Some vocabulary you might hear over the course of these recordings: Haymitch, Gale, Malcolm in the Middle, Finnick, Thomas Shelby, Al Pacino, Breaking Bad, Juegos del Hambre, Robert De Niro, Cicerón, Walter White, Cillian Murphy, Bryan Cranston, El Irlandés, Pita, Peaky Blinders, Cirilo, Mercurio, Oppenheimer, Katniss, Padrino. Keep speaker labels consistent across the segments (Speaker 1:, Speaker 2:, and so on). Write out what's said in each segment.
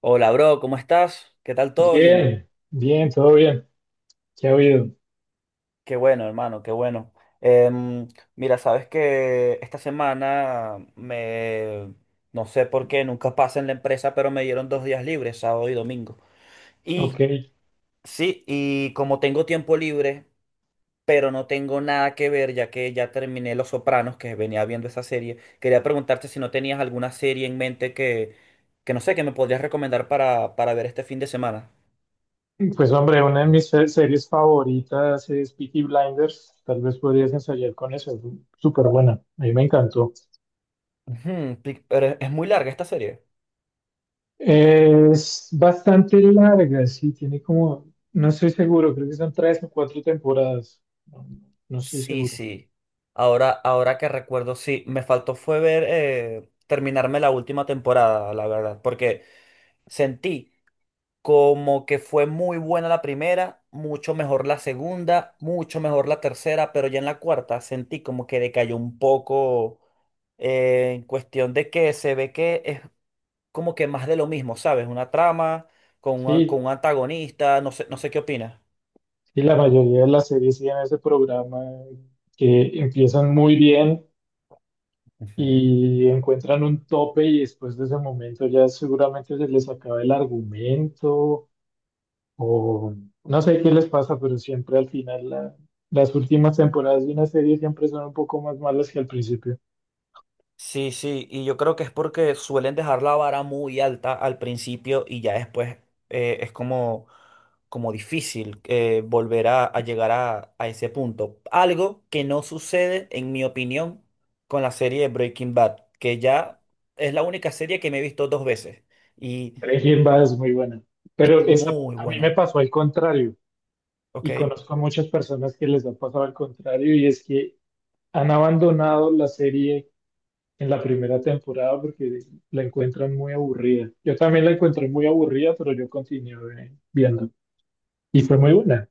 Speaker 1: Hola, bro, ¿cómo estás? ¿Qué tal todo, Gino?
Speaker 2: Bien, bien, todo bien. ¿Qué ha habido?
Speaker 1: Qué bueno, hermano, qué bueno. Em, Mira, sabes que esta semana no sé por qué, nunca pasa en la empresa, pero me dieron dos días libres, sábado y domingo. Y
Speaker 2: Ok,
Speaker 1: sí, y como tengo tiempo libre, pero no tengo nada que ver, ya que ya terminé Los Sopranos, que venía viendo esa serie, quería preguntarte si no tenías alguna serie en mente que no sé, que me podrías recomendar para ver este fin de semana.
Speaker 2: pues hombre, una de mis series favoritas es Peaky Blinders. Tal vez podrías ensayar con eso. Es súper buena. A mí me encantó.
Speaker 1: Ujú, pero es muy larga esta serie.
Speaker 2: Es bastante larga, sí. Tiene como, no estoy seguro, creo que son 3 o 4 temporadas. No, no estoy
Speaker 1: Sí,
Speaker 2: seguro.
Speaker 1: sí. Ahora que recuerdo, sí, me faltó fue ver terminarme la última temporada, la verdad, porque sentí como que fue muy buena la primera, mucho mejor la segunda, mucho mejor la tercera, pero ya en la cuarta sentí como que decayó un poco en cuestión de que se ve que es como que más de lo mismo, ¿sabes? Una trama
Speaker 2: Sí,
Speaker 1: con un antagonista, no sé, no sé qué opinas.
Speaker 2: y la mayoría de las series tienen ese programa que empiezan muy bien,
Speaker 1: Ujú.
Speaker 2: y encuentran un tope y después de ese momento ya seguramente se les acaba el argumento o no sé qué les pasa, pero siempre al final las últimas temporadas de una serie siempre son un poco más malas que al principio.
Speaker 1: Sí, sí, y yo creo que es porque suelen dejar la vara muy alta al principio y ya después es como difícil volver a llegar a ese punto. Algo que no sucede, en mi opinión, con la serie de Breaking Bad, que ya es la única serie que me he visto dos veces y
Speaker 2: Breaking Bad es muy buena, pero esa,
Speaker 1: muy
Speaker 2: a mí me
Speaker 1: buena,
Speaker 2: pasó al contrario,
Speaker 1: ¿ok?
Speaker 2: y conozco a muchas personas que les ha pasado al contrario, y es que han abandonado la serie en la primera temporada porque la encuentran muy aburrida. Yo también la encontré muy aburrida, pero yo continué viendo. Y fue muy buena.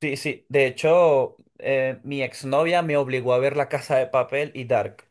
Speaker 1: Sí, sí. De hecho, mi exnovia me obligó a ver La Casa de Papel y Dark.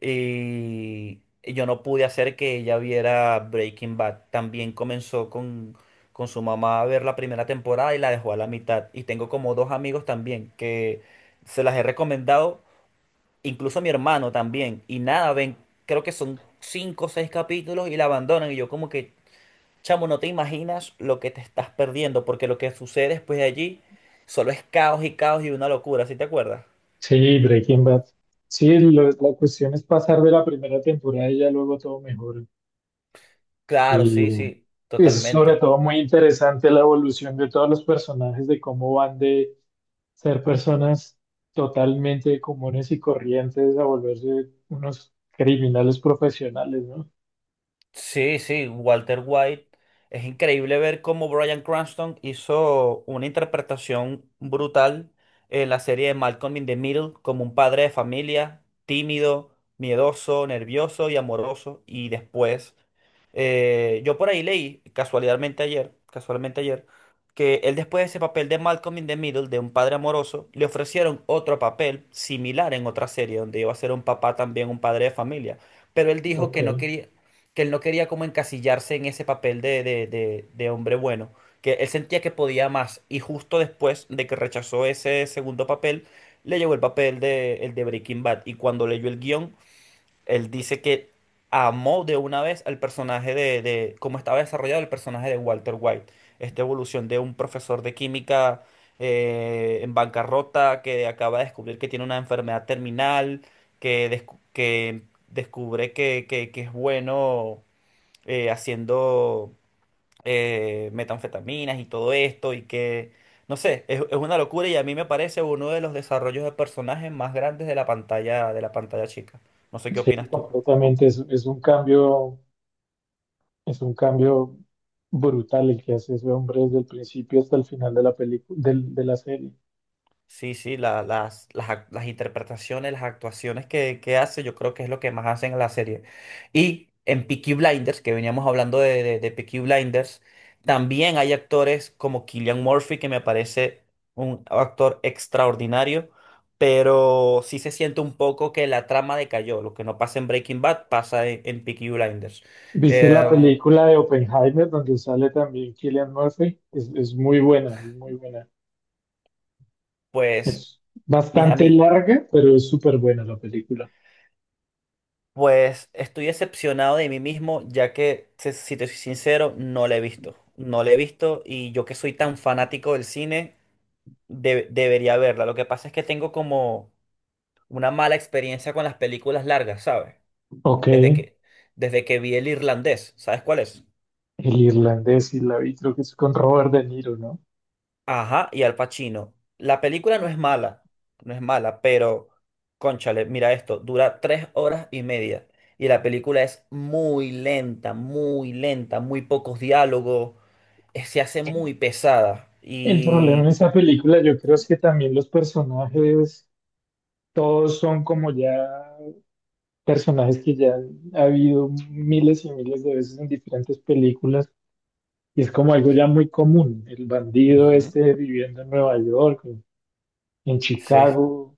Speaker 1: Y yo no pude hacer que ella viera Breaking Bad. También comenzó con su mamá a ver la primera temporada y la dejó a la mitad. Y tengo como dos amigos también que se las he recomendado, incluso a mi hermano también. Y nada, ven, creo que son cinco o seis capítulos y la abandonan. Y yo como que chamo, no te imaginas lo que te estás perdiendo, porque lo que sucede después de allí solo es caos y caos y una locura, ¿sí te acuerdas?
Speaker 2: Sí, Breaking Bad. Sí, la cuestión es pasar de la primera temporada y ya luego todo mejora.
Speaker 1: Claro, sí,
Speaker 2: Y
Speaker 1: sí,
Speaker 2: es sobre
Speaker 1: totalmente.
Speaker 2: todo muy interesante la evolución de todos los personajes, de cómo van de ser personas totalmente comunes y corrientes a volverse unos criminales profesionales, ¿no?
Speaker 1: Sí, sí, Walter White. Es increíble ver cómo Bryan Cranston hizo una interpretación brutal en la serie de Malcolm in the Middle como un padre de familia, tímido, miedoso, nervioso y amoroso. Y después, yo por ahí leí, casualmente ayer, que él después de ese papel de Malcolm in the Middle, de un padre amoroso, le ofrecieron otro papel similar en otra serie, donde iba a ser un papá también, un padre de familia. Pero él dijo
Speaker 2: Ok.
Speaker 1: que no quería que él no quería como encasillarse en ese papel de hombre bueno, que él sentía que podía más y justo después de que rechazó ese segundo papel, le llegó el papel el de Breaking Bad, y cuando leyó el guión, él dice que amó de una vez al personaje de cómo estaba desarrollado el personaje de Walter White, esta evolución de un profesor de química en bancarrota que acaba de descubrir que tiene una enfermedad terminal, que descubre que que es bueno haciendo metanfetaminas y todo esto, no sé, es una locura y a mí me parece uno de los desarrollos de personajes más grandes de la pantalla chica. No sé qué
Speaker 2: Sí,
Speaker 1: opinas tú.
Speaker 2: completamente. Es un cambio, es un cambio brutal el que hace ese hombre desde el principio hasta el final de la película, de la serie.
Speaker 1: Sí, sí, las interpretaciones, las actuaciones que hace, yo creo que es lo que más hacen en la serie. Y en Peaky Blinders, que veníamos hablando de Peaky Blinders, también hay actores como Cillian Murphy, que me parece un actor extraordinario, pero sí se siente un poco que la trama decayó. Lo que no pasa en Breaking Bad pasa en Peaky Blinders.
Speaker 2: ¿Viste la
Speaker 1: Em,
Speaker 2: película de Oppenheimer donde sale también Cillian Murphy? Es muy buena, es muy buena.
Speaker 1: pues,
Speaker 2: Es
Speaker 1: mis
Speaker 2: bastante
Speaker 1: amigos.
Speaker 2: larga, pero es súper buena la película.
Speaker 1: Pues estoy decepcionado de mí mismo, ya que, si te soy sincero, no la he visto. No la he visto y yo que soy tan fanático del cine, debería verla. Lo que pasa es que tengo como una mala experiencia con las películas largas, ¿sabes?
Speaker 2: Ok,
Speaker 1: Desde
Speaker 2: el
Speaker 1: que, desde que vi El Irlandés, ¿sabes cuál es?
Speaker 2: irlandés y la vi, creo que es con Robert De Niro, ¿no?
Speaker 1: Ajá, y Al Pacino. La película no es mala, no es mala, pero, cónchale, mira esto, dura tres horas y media. Y la película es muy lenta, muy lenta, muy pocos diálogos. Eh, se hace muy pesada.
Speaker 2: El problema en
Speaker 1: Y
Speaker 2: esa película yo creo es que también los personajes, todos son como ya personajes que ya han habido miles y miles de veces en diferentes películas, y es como algo ya muy común. El bandido
Speaker 1: ujú.
Speaker 2: este viviendo en Nueva York, en
Speaker 1: sí,
Speaker 2: Chicago,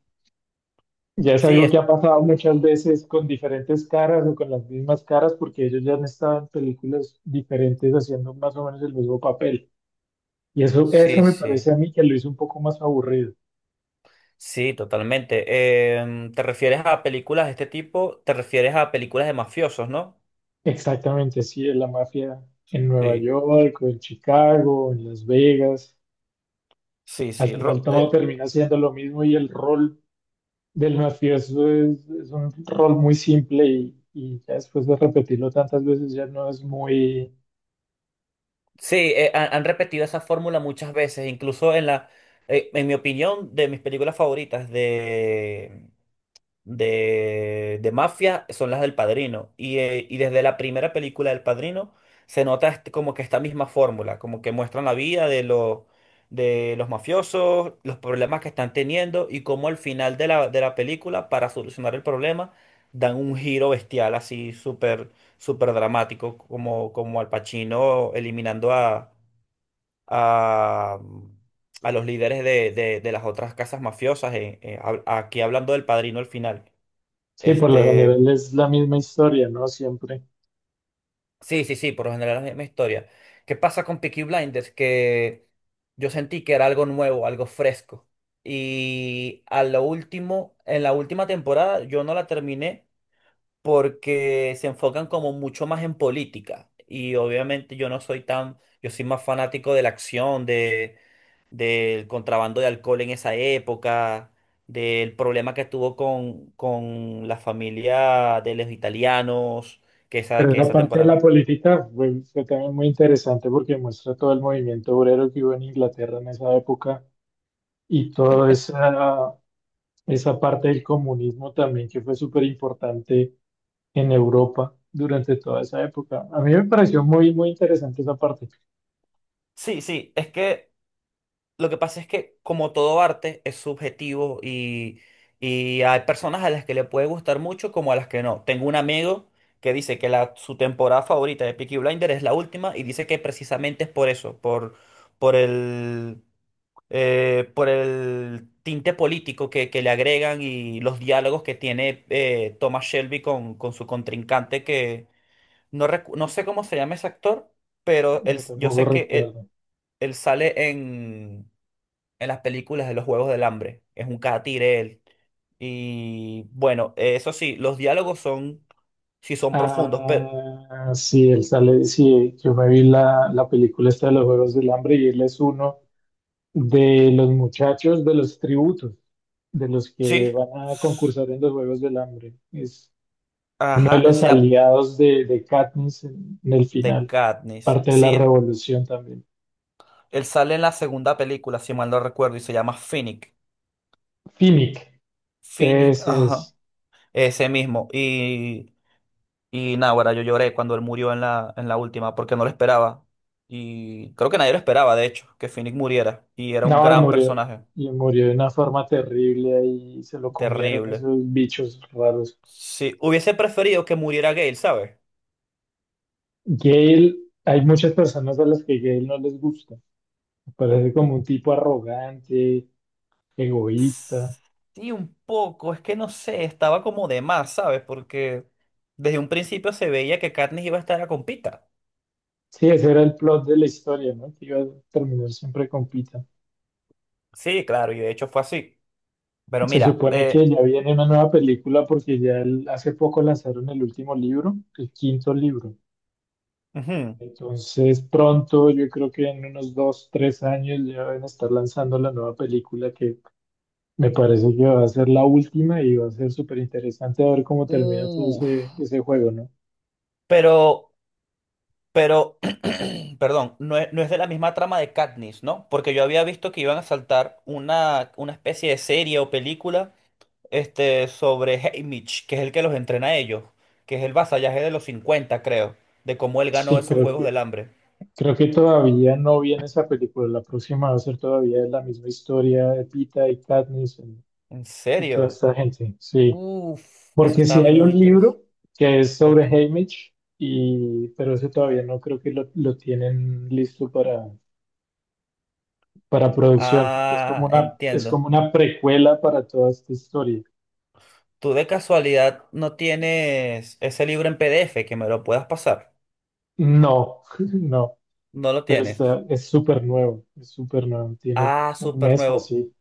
Speaker 2: ya es
Speaker 1: sí,
Speaker 2: algo que
Speaker 1: es-
Speaker 2: ha pasado muchas veces con diferentes caras o con las mismas caras porque ellos ya han estado en películas diferentes haciendo más o menos el mismo papel. Y eso
Speaker 1: sí,
Speaker 2: me
Speaker 1: sí.
Speaker 2: parece a mí que lo hizo un poco más aburrido.
Speaker 1: Sí, totalmente. ¿Te refieres a películas de este tipo? ¿Te refieres a películas de mafiosos, no?
Speaker 2: Exactamente, sí, de la mafia en Nueva
Speaker 1: Sí,
Speaker 2: York o en Chicago, en Las Vegas.
Speaker 1: sí,
Speaker 2: Al
Speaker 1: sí.
Speaker 2: final todo termina siendo lo mismo, y el rol del mafioso es un rol muy simple y ya después de repetirlo tantas veces ya no es muy...
Speaker 1: Sí, han repetido esa fórmula muchas veces, incluso en la, en mi opinión, de mis películas favoritas de mafia son las del Padrino. Y desde la primera película del Padrino se nota como que esta misma fórmula, como que muestran la vida de los mafiosos, los problemas que están teniendo y cómo al final de la película, para solucionar el problema, dan un giro bestial así súper súper dramático, como Al Pacino eliminando a, a los líderes de las otras casas mafiosas, aquí hablando del Padrino al final.
Speaker 2: Sí, por lo
Speaker 1: Este,
Speaker 2: general es la misma historia, ¿no? Siempre.
Speaker 1: sí, sí, sí, por lo general es la misma historia. ¿Qué pasa con Peaky Blinders? Que yo sentí que era algo nuevo, algo fresco. Y a lo último, en la última temporada yo no la terminé porque se enfocan como mucho más en política. Y obviamente yo no soy tan, yo soy más fanático de la acción, de del contrabando de alcohol en esa época, del problema que tuvo con la familia de los italianos,
Speaker 2: Pero
Speaker 1: que
Speaker 2: esa
Speaker 1: esa
Speaker 2: parte de la
Speaker 1: temporada.
Speaker 2: política fue, fue también muy interesante porque muestra todo el movimiento obrero que hubo en Inglaterra en esa época y toda esa, esa parte del comunismo también que fue súper importante en Europa durante toda esa época. A mí me pareció muy, muy interesante esa parte.
Speaker 1: Sí, sí, es que lo que pasa es que como todo arte es subjetivo y hay personas a las que le puede gustar mucho como a las que no. Tengo un amigo que dice su temporada favorita de Peaky Blinder es la última y dice que precisamente es por eso, por el... por el tinte político que le agregan y los diálogos que tiene Thomas Shelby con su contrincante, que no sé cómo se llama ese actor, pero él,
Speaker 2: Yo
Speaker 1: yo
Speaker 2: tampoco
Speaker 1: sé que él,
Speaker 2: recuerdo.
Speaker 1: él sale en las películas de los Juegos del Hambre, es un catire él. Y bueno, eso sí, sí son profundos, pero
Speaker 2: Ah, sí, él sale, sí, yo me vi la, la película esta de los Juegos del Hambre, y él es uno de los muchachos de los tributos, de los que
Speaker 1: sí,
Speaker 2: van a
Speaker 1: s-
Speaker 2: concursar en los Juegos del Hambre. Es uno de
Speaker 1: ajá, él
Speaker 2: los
Speaker 1: se llama
Speaker 2: aliados de Katniss en el
Speaker 1: The
Speaker 2: final,
Speaker 1: Katniss,
Speaker 2: parte de la
Speaker 1: sí,
Speaker 2: revolución también.
Speaker 1: él sale en la segunda película, si mal no recuerdo, y se llama Finnick.
Speaker 2: Finnick,
Speaker 1: Finnick,
Speaker 2: ese es.
Speaker 1: ajá. Ese mismo. Y nada, ahora yo lloré cuando él murió en en la última, porque no lo esperaba. Y creo que nadie lo esperaba, de hecho, que Finnick muriera. Y era un
Speaker 2: No,
Speaker 1: gran personaje.
Speaker 2: y murió de una forma terrible ahí, se lo comieron
Speaker 1: Terrible.
Speaker 2: esos bichos raros.
Speaker 1: Sí, hubiese preferido que muriera Gale, ¿sabes?
Speaker 2: Gale, hay muchas personas a las que Gale no les gusta. Me parece como un tipo arrogante, egoísta.
Speaker 1: Sí, un poco. Es que no sé, estaba como de más, ¿sabes? Porque desde un principio se veía que Katniss iba a estar a compita.
Speaker 2: Sí, ese era el plot de la historia, ¿no? Que iba a terminar siempre con Pita.
Speaker 1: Sí, claro, y de hecho fue así. Pero
Speaker 2: Se
Speaker 1: mira,
Speaker 2: supone que ya viene una nueva película porque ya hace poco lanzaron el último libro, el quinto libro.
Speaker 1: ujú.
Speaker 2: Entonces pronto, yo creo que en unos 2, 3 años ya van a estar lanzando la nueva película que me parece que va a ser la última, y va a ser súper interesante a ver cómo termina todo
Speaker 1: Uf,
Speaker 2: ese, ese juego, ¿no?
Speaker 1: Pero, pero, perdón, no es de la misma trama de Katniss, ¿no? Porque yo había visto que iban a saltar una especie de serie o película este, sobre Haymitch, que es el que los entrena a ellos, que es el vasallaje de los 50 creo, de cómo él ganó
Speaker 2: Sí,
Speaker 1: esos Juegos del Hambre.
Speaker 2: creo que todavía no viene esa película. La próxima va a ser todavía la misma historia de Pita y Katniss
Speaker 1: ¿En
Speaker 2: y toda
Speaker 1: serio?
Speaker 2: esta gente. Sí,
Speaker 1: Uf. Eso
Speaker 2: porque
Speaker 1: está
Speaker 2: si hay
Speaker 1: muy
Speaker 2: un
Speaker 1: interesante.
Speaker 2: libro que es sobre
Speaker 1: Ok.
Speaker 2: Haymitch, y, pero ese todavía no creo que lo tienen listo para producción, porque
Speaker 1: Ah,
Speaker 2: es
Speaker 1: entiendo.
Speaker 2: como una precuela para toda esta historia.
Speaker 1: ¿Tú de casualidad no tienes ese libro en PDF que me lo puedas pasar?
Speaker 2: No, no.
Speaker 1: No lo
Speaker 2: Pero
Speaker 1: tienes.
Speaker 2: está, es súper nuevo, tiene
Speaker 1: Ah,
Speaker 2: un
Speaker 1: súper
Speaker 2: mes o
Speaker 1: nuevo.
Speaker 2: así.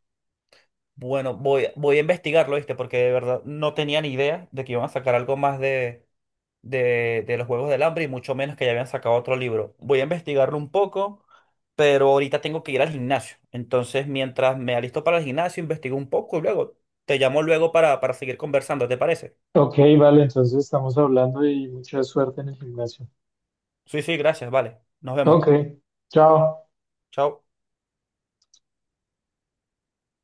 Speaker 1: Bueno, voy, voy a investigarlo, ¿viste? Porque de verdad no tenía ni idea de que iban a sacar algo más de los Juegos del Hambre y mucho menos que ya habían sacado otro libro. Voy a investigarlo un poco, pero ahorita tengo que ir al gimnasio. Entonces, mientras me alisto para el gimnasio, investigo un poco y luego te llamo luego para seguir conversando, ¿te parece?
Speaker 2: Ok, vale, entonces estamos hablando y mucha suerte en el gimnasio.
Speaker 1: Sí, sí, gracias, vale. Nos vemos.
Speaker 2: Ok, chao.
Speaker 1: Chao.